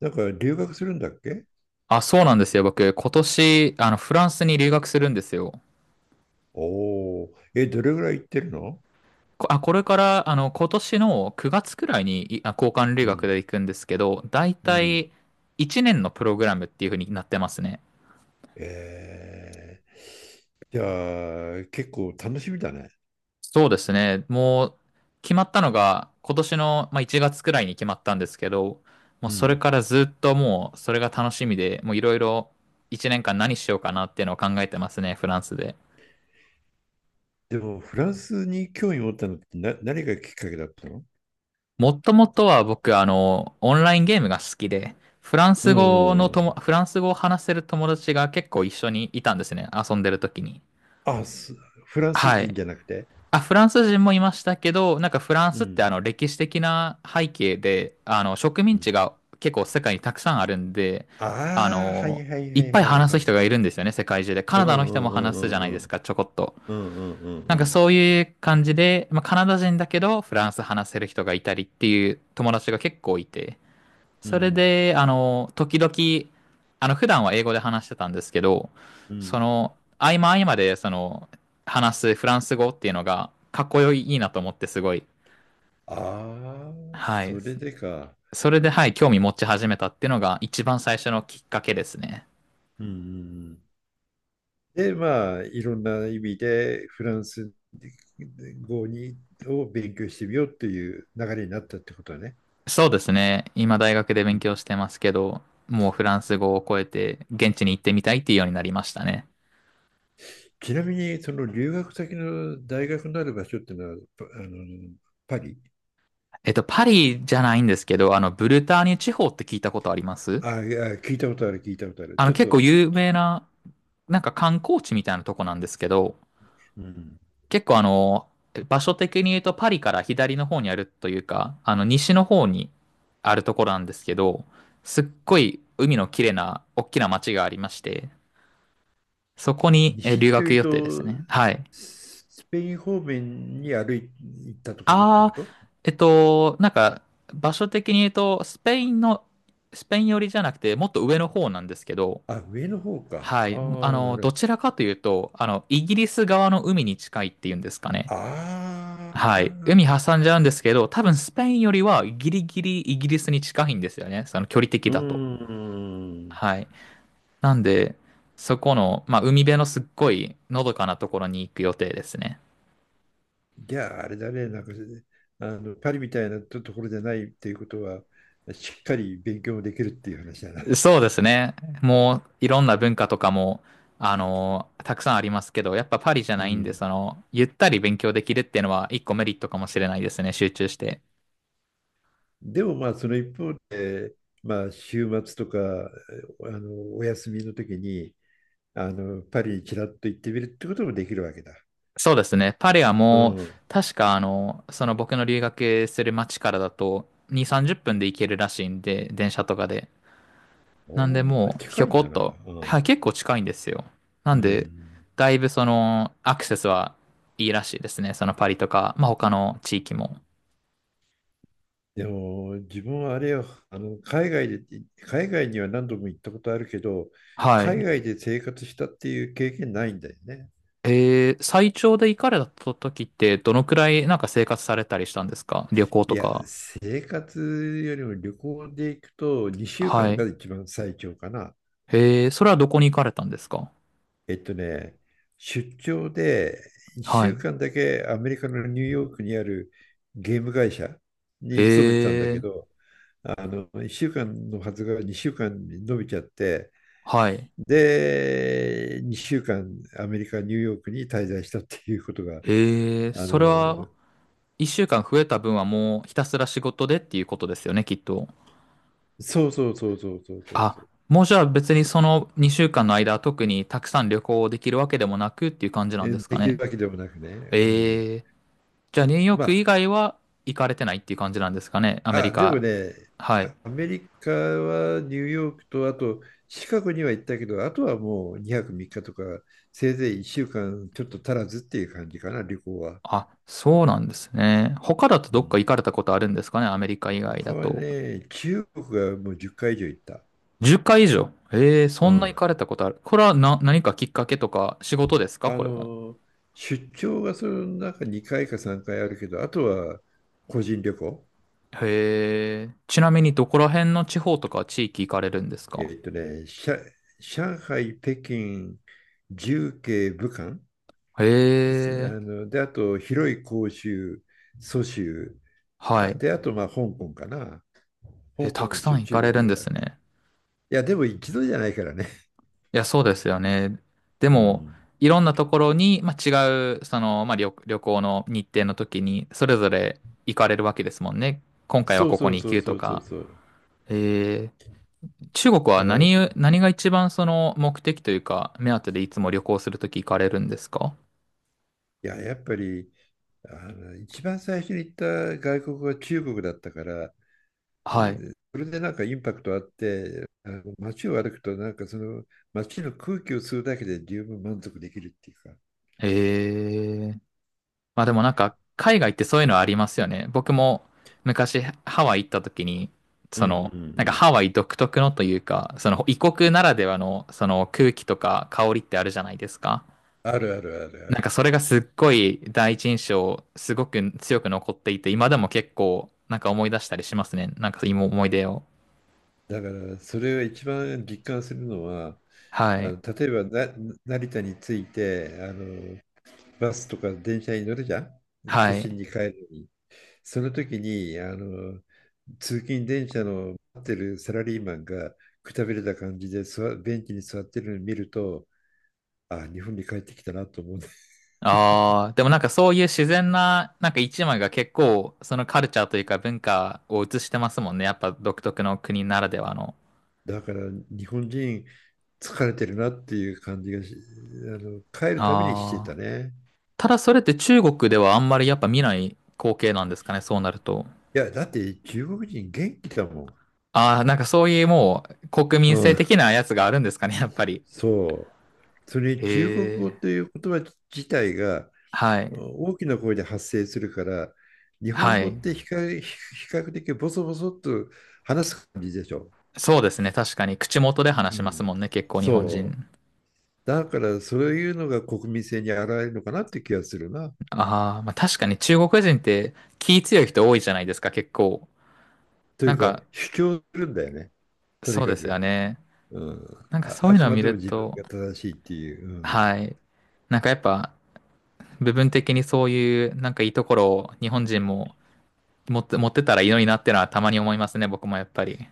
なんか留学するんだっけ。あ、そうなんですよ。僕、今年、フランスに留学するんですよ。おおー、え、どれぐらい行ってるの？これから、今年の9月くらいに、交換留う学ん、で行くんですけど、だいうたん。い1年のプログラムっていう風になってますね。えー、じゃあ、結構楽しみだね。そうですね。決まったのが、今年の、1月くらいに決まったんですけど、もううそれん。からずっともう、それが楽しみで、もういろいろ1年間何しようかなっていうのを考えてますね、フランスで。でも、フランスに興味持ったのって何がきっかけだったの？もともとは僕、オンラインゲームが好きで、うん、うん。フランス語を話せる友達が結構一緒にいたんですね。遊んでる時に。あ、す、フランスは人い。じゃなくて。あ、フランス人もいましたけど、なんかフランうスってん。あの歴史的な背景で、あの植う民ん。地が結構世界にたくさんあるんで、あああ、はいの、はいいはっいぱいはい話はすい。人がいるんですよね、世界中で。カうんナうダの人もんう話すじゃないでんすか、ちょこっと。うんうんうんうんうんなんうかんそういう感じで、まあ、カナダ人だけどフランス話せる人がいたりっていう友達が結構いて。うそれんで、時々、普段は英語で話してたんですけど、うそん。の、合間合間で、その、話すフランス語っていうのが、かっこよいいいなと思って、すごい。ああ、はい。それでか。それで、はい、興味持ち始めたっていうのが、一番最初のきっかけですね。うんうんうん。で、まあ、いろんな意味でフランス語にを勉強してみようっていう流れになったってことはね。そうですね。今、大学でう勉ん。強してますけど、もうフランス語を超えて、現地に行ってみたいっていうようになりましたね。ちなみに、その留学先の大学のある場所っていうのは、あの、パリ？えっと、パリじゃないんですけど、あの、ブルターニュ地方って聞いたことありますああ、聞いたことある、聞いたことある。あちの、ょっ結と、構有き、名な、なんか観光地みたいなとこなんですけど、うん。結構あの、場所的に言うとパリから左の方にあるというか、あの、西の方にあるところなんですけど、すっごい海の綺麗な、大きな街がありまして、そこに留西と学いう予定ですね。と、はい。スペイン方面に行ったところってあこあ、と？えっと、なんか、場所的に言うと、スペイン寄りじゃなくて、もっと上の方なんですけど、あ、上の方か。はあい。あ、なるほどど。ちらかというと、イギリス側の海に近いっていうんですかね。あはい。あ、海挟んじゃうんですけど、多分スペインよりはギリギリイギリスに近いんですよね。その距離的うだと。ーん。はい。なんで、そこの、まあ、海辺のすっごいのどかなところに行く予定ですね。じゃあ、あれだね、なんか、あの、パリみたいなところじゃないっていうことは、しっかり勉強もできるっていう話だな。そうですね。いろんな文化とかも、たくさんありますけど、やっぱパリじゃうないんで、ん。その、ゆったり勉強できるっていうのは一個メリットかもしれないですね。集中して。でもまあ、その一方で、まあ、週末とか、あの、お休みの時に、あの、パリにちらっと行ってみるってこともできるわけだ。そうですね。パリはうもう、ん。確かあの、その僕の留学する町からだと、2、30分で行けるらしいんで、電車とかで。なんでおー、もう、ひ近ょいんこだっな。と、うはい、ん。結構近いんですよ。なうんで、ん。だいぶその、アクセスはいいらしいですね。そのパリとか、まあ他の地域も。でも、自分はあれよ、海外には何度も行ったことあるけど、は海い。外で生活したっていう経験ないんだよね。えー、最長で行かれた時って、どのくらいなんか生活されたりしたんですか？旅行いとや、か。生活よりも旅行で行くと2週は間がい。一番最長かな。えー、それはどこに行かれたんですか？えっとね、出張で1は週い。間だけアメリカのニューヨークにあるゲーム会社に勤めてたんだけえー、ど、あの1週間のはずが2週間に伸びちゃって、はい。で、2週間アメリカ、ニューヨークに滞在したっていうことが、ええ、あの、それは、一週間増えた分はもうひたすら仕事でっていうことですよね、きっと。そうそうそうそうそうそうそあ、う、もうじゃあ別にその2週間の間、特にたくさん旅行できるわけでもなくっていう感じなんですかできるね。わけでもなくね。うん。ええ、じゃあニューヨーまク以あ、外は行かれてないっていう感じなんですかね、アメリあ、でもカ。ね、はい。アメリカはニューヨークと、あとシカゴには行ったけど、あとはもう2泊3日とか、せいぜい1週間ちょっと足らずっていう感じかな、旅行は。あ、そうなんですね。他だとうどっか行かん。れたことあるんですかね、アメリカ以外他だはと。ね、中国がもう10回以上行った。10回以上。ええ、そうんな行ん。かれたことある。これはな、何かきっかけとか仕事ですか、あこれも。の、出張がその中2回か3回あるけど、あとは個人旅行。へえ。ちなみにどこら辺の地方とか地域行かれるんですえか？っとね、上海、北京、重慶、武漢。へあえ。の、で、あと、広州、蘇州、はい。で、あと、まあ、香港かな。え、香港たもくさ一応ん行中かれ国でるあんでする。ね。いや、でも一度じゃないからね。いや、そうですよね。でうも、ん。いろんなところに、まあ、違う、その、まあ、旅行の日程の時に、それぞれ行かれるわけですもんね。今回はそうここそにう行そうくとそうそうか。そう。えー中国はだから、い何が一番その目的というか、目当てでいつも旅行するとき行かれるんですか？や、やっぱり、あの、一番最初に行った外国は中国だったから、はい。それでなんかインパクトあって、あの街を歩くと、なんかその街の空気を吸うだけで十分満足できるっていうか。へえ。まあでもなんか、海外ってそういうのありますよね。僕も昔ハワイ行った時に、うんそうんうの、なんかん。ハワイ独特のというか、その異国ならではのその空気とか香りってあるじゃないですか。あるあるあるあなんかる。それがすっごい第一印象、すごく強く残っていて、今でも結構なんか思い出したりしますね。なんか今思い出を。だからそれを一番実感するのは、はあい。の、例えば、成田に着いて、あのバスとか電車に乗るじゃん、都は心い。に帰るのに。その時に、あの通勤電車の待ってるサラリーマンが、くたびれた感じでベンチに座ってるのを見ると、あ、日本に帰ってきたなと思うね。 ああ、でもなんかそういう自然な、なんか一枚が結構そのカルチャーというか文化を映してますもんね。やっぱ独特の国ならではの。だから日本人疲れてるなっていう感じがし、あの、帰るたびにしてあたあ。ね。ただそれって中国ではあんまりやっぱ見ない光景なんですかね、そうなると。いやだって中国人元気だもああ、なんかそういうもう国ん。民う性的ん。なやつがあるんですかね、やっぱり。そう。それにへ中国語え。という言葉自体がはい。大きな声で発生するから、日は本語っい。て比較、比較的ボソボソっと話す感じでしょ。そうですね、確かに。口元で話うしますん。もんね、結構日本そう。人。だからそういうのが国民性に現れるのかなって気がするな。ああ、まあ確かに中国人って気強い人多いじゃないですか、結構。といなうんかか、主張するんだよね。とにそうかですよく。ね。うん。なんかあ、そうあいうくのをま見でもる自分と、が正しいっていう。うん。はい。なんかやっぱ、部分的にそういう、なんかいいところを日本人も持ってたらいいのになってのはたまに思いますね、僕もやっぱり。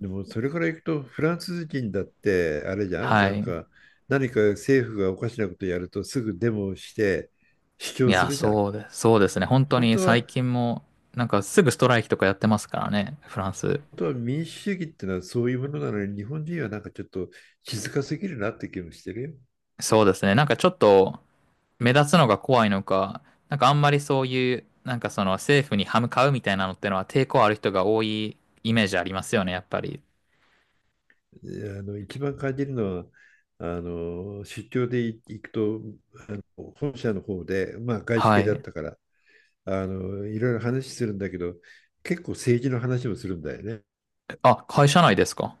でもそれからいくとフランス人だってあれじゃん、はなんい。か、何か政府がおかしなことやるとすぐデモをして主い張すや、るじゃん。そうですね。本当本に当最は、近も、なんかすぐストライキとかやってますからね、フランス。本当は民主主義ってのはそういうものなのに、日本人はなんかちょっと静かすぎるなって気もしてるよ。そうですね。なんかちょっと目立つのが怖いのか、なんかあんまりそういう、なんかその政府に歯向かうみたいなのってのは抵抗ある人が多いイメージありますよね、やっぱり。で、あの一番感じるのは、あの出張で行くと、本社の方で、まあ、外資は系だっい。たから、あのいろいろ話するんだけど、結構政治の話もするんだよね。あ、会社内ですか？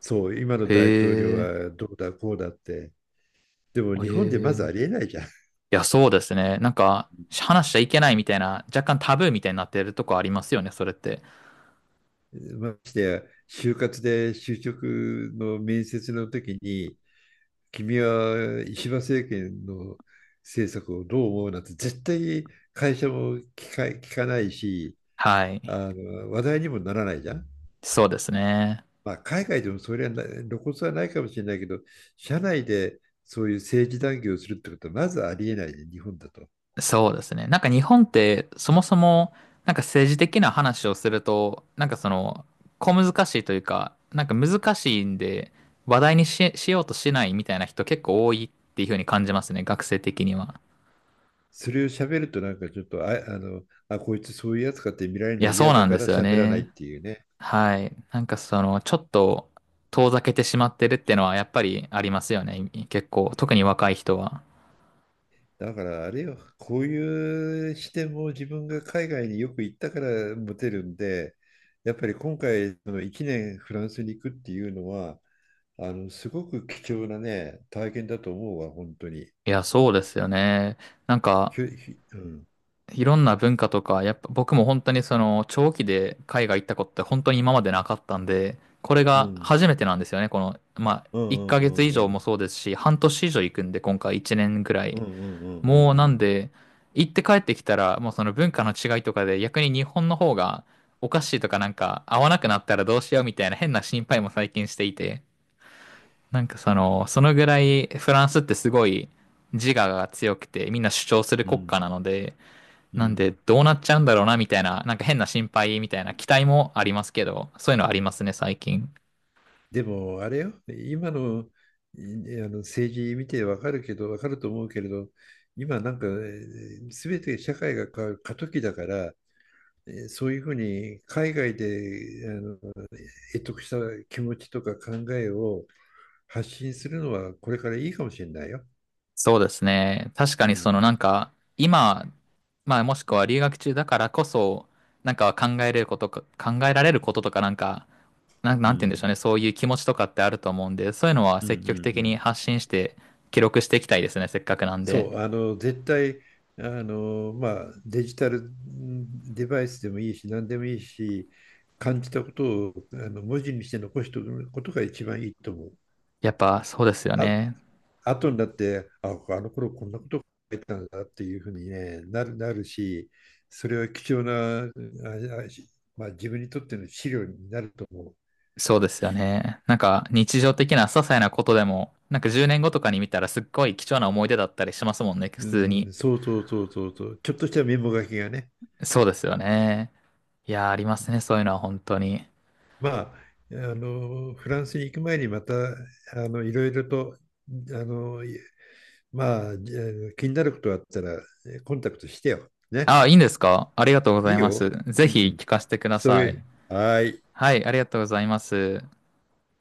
そう、今のへ大統領え。はどうだこうだって。でもへ日本でまずあえ。りえないじゃん。いや、そうですね。なんか、話しちゃいけないみたいな、若干タブーみたいになってるとこありますよね、それって。ましてや、就活で就職の面接の時に、君は石破政権の政策をどう思うなんて絶対会社も聞か、聞かないし、はい。あの話題にもならないじゃん。そうですね。まあ、海外でもそれはな露骨はないかもしれないけど、社内でそういう政治談義をするってことはまずありえないね、日本だと。そうですね。なんか日本って、そもそも、なんか政治的な話をすると、なんかその、小難しいというか、なんか難しいんで、話題にし、しようとしないみたいな人結構多いっていうふうに感じますね、学生的には。それを喋るとなんかちょっと、こいつそういうやつかって見られいるのや、そう嫌なだんでからすよ喋らないっね。ていうね。はい。なんかその、ちょっと遠ざけてしまってるっていうのはやっぱりありますよね。結構、特に若い人は。だからあれよ、こういう視点も自分が海外によく行ったから持てるんで、やっぱり今回の1年フランスに行くっていうのは、あの、すごく貴重なね、体験だと思うわ、本当に。いや、そうですよね。なんか、ひ、いろんな文化とか、やっぱ僕も本当にその、長期で海外行ったことって本当に今までなかったんで、これうがん、初めてなんですよね。この、まあ、う1ん、うヶ月以上ん、うもん、そうですし、半年以上行くんで、今回1年ぐらうい。ん、うん、うん、もううなんん、で、行って帰ってきたら、もうその文化の違いとかで逆に日本の方がおかしいとかなんか合わなくなったらどうしようみたいな変な心配も最近していて、なんかその、そのぐらいフランスってすごい自我が強くてみんな主張するうん、う国ん、家なので、うなんでん。どうなっちゃうんだろうなみたいな、なんか変な心配みたいな期待もありますけど、そういうのありますね最近。でも、あれよ、今の、いあの政治見てわかると思うけれど、今なんか、すべて社会が変わる過渡期だから、えー、そういうふうに海外で、あの、得した気持ちとか考えを発信するのはこれからいいかもしれないよ。そうですね。確かうにそのなん、んか今、まあもしくは留学中だからこそ、なんか考えられることとかなんか、うなんて言うんでん、しょうね。そういう気持ちとかってあると思うんで、そういうのはうん、う積極ん、的うにん。発信して記録していきたいですね。せっかくなんで。そう、あの、絶対、あの、まあ、デジタルデバイスでもいいし、何でもいいし、感じたことを、あの、文字にして残しておくことが一番いいと思う。やっぱそうですよあ、ね。後になって、あ、あの頃こんなこと書いてたんだっていうふうに、ね、なるし、それは貴重な、あ、あしまあ、自分にとっての資料になると思う。そうですよね。なんか日常的な些細なことでも、なんか10年後とかに見たらすっごい貴重な思い出だったりしますもんね。普う通に。ん、そうそうそうそうそう、ちょっとしたメモ書きがね。そうですよね。いやー、ありますね。そういうのは本当に。まあ、あのフランスに行く前にまた、あのいろいろと、あの、まあ、じゃあ気になることがあったらコンタクトしてよ。ね。あ、いいんですか？ありがとうございいいます。よ。ぜうひん。聞かせてくだそうさいい。う。はい。はい、ありがとうございます。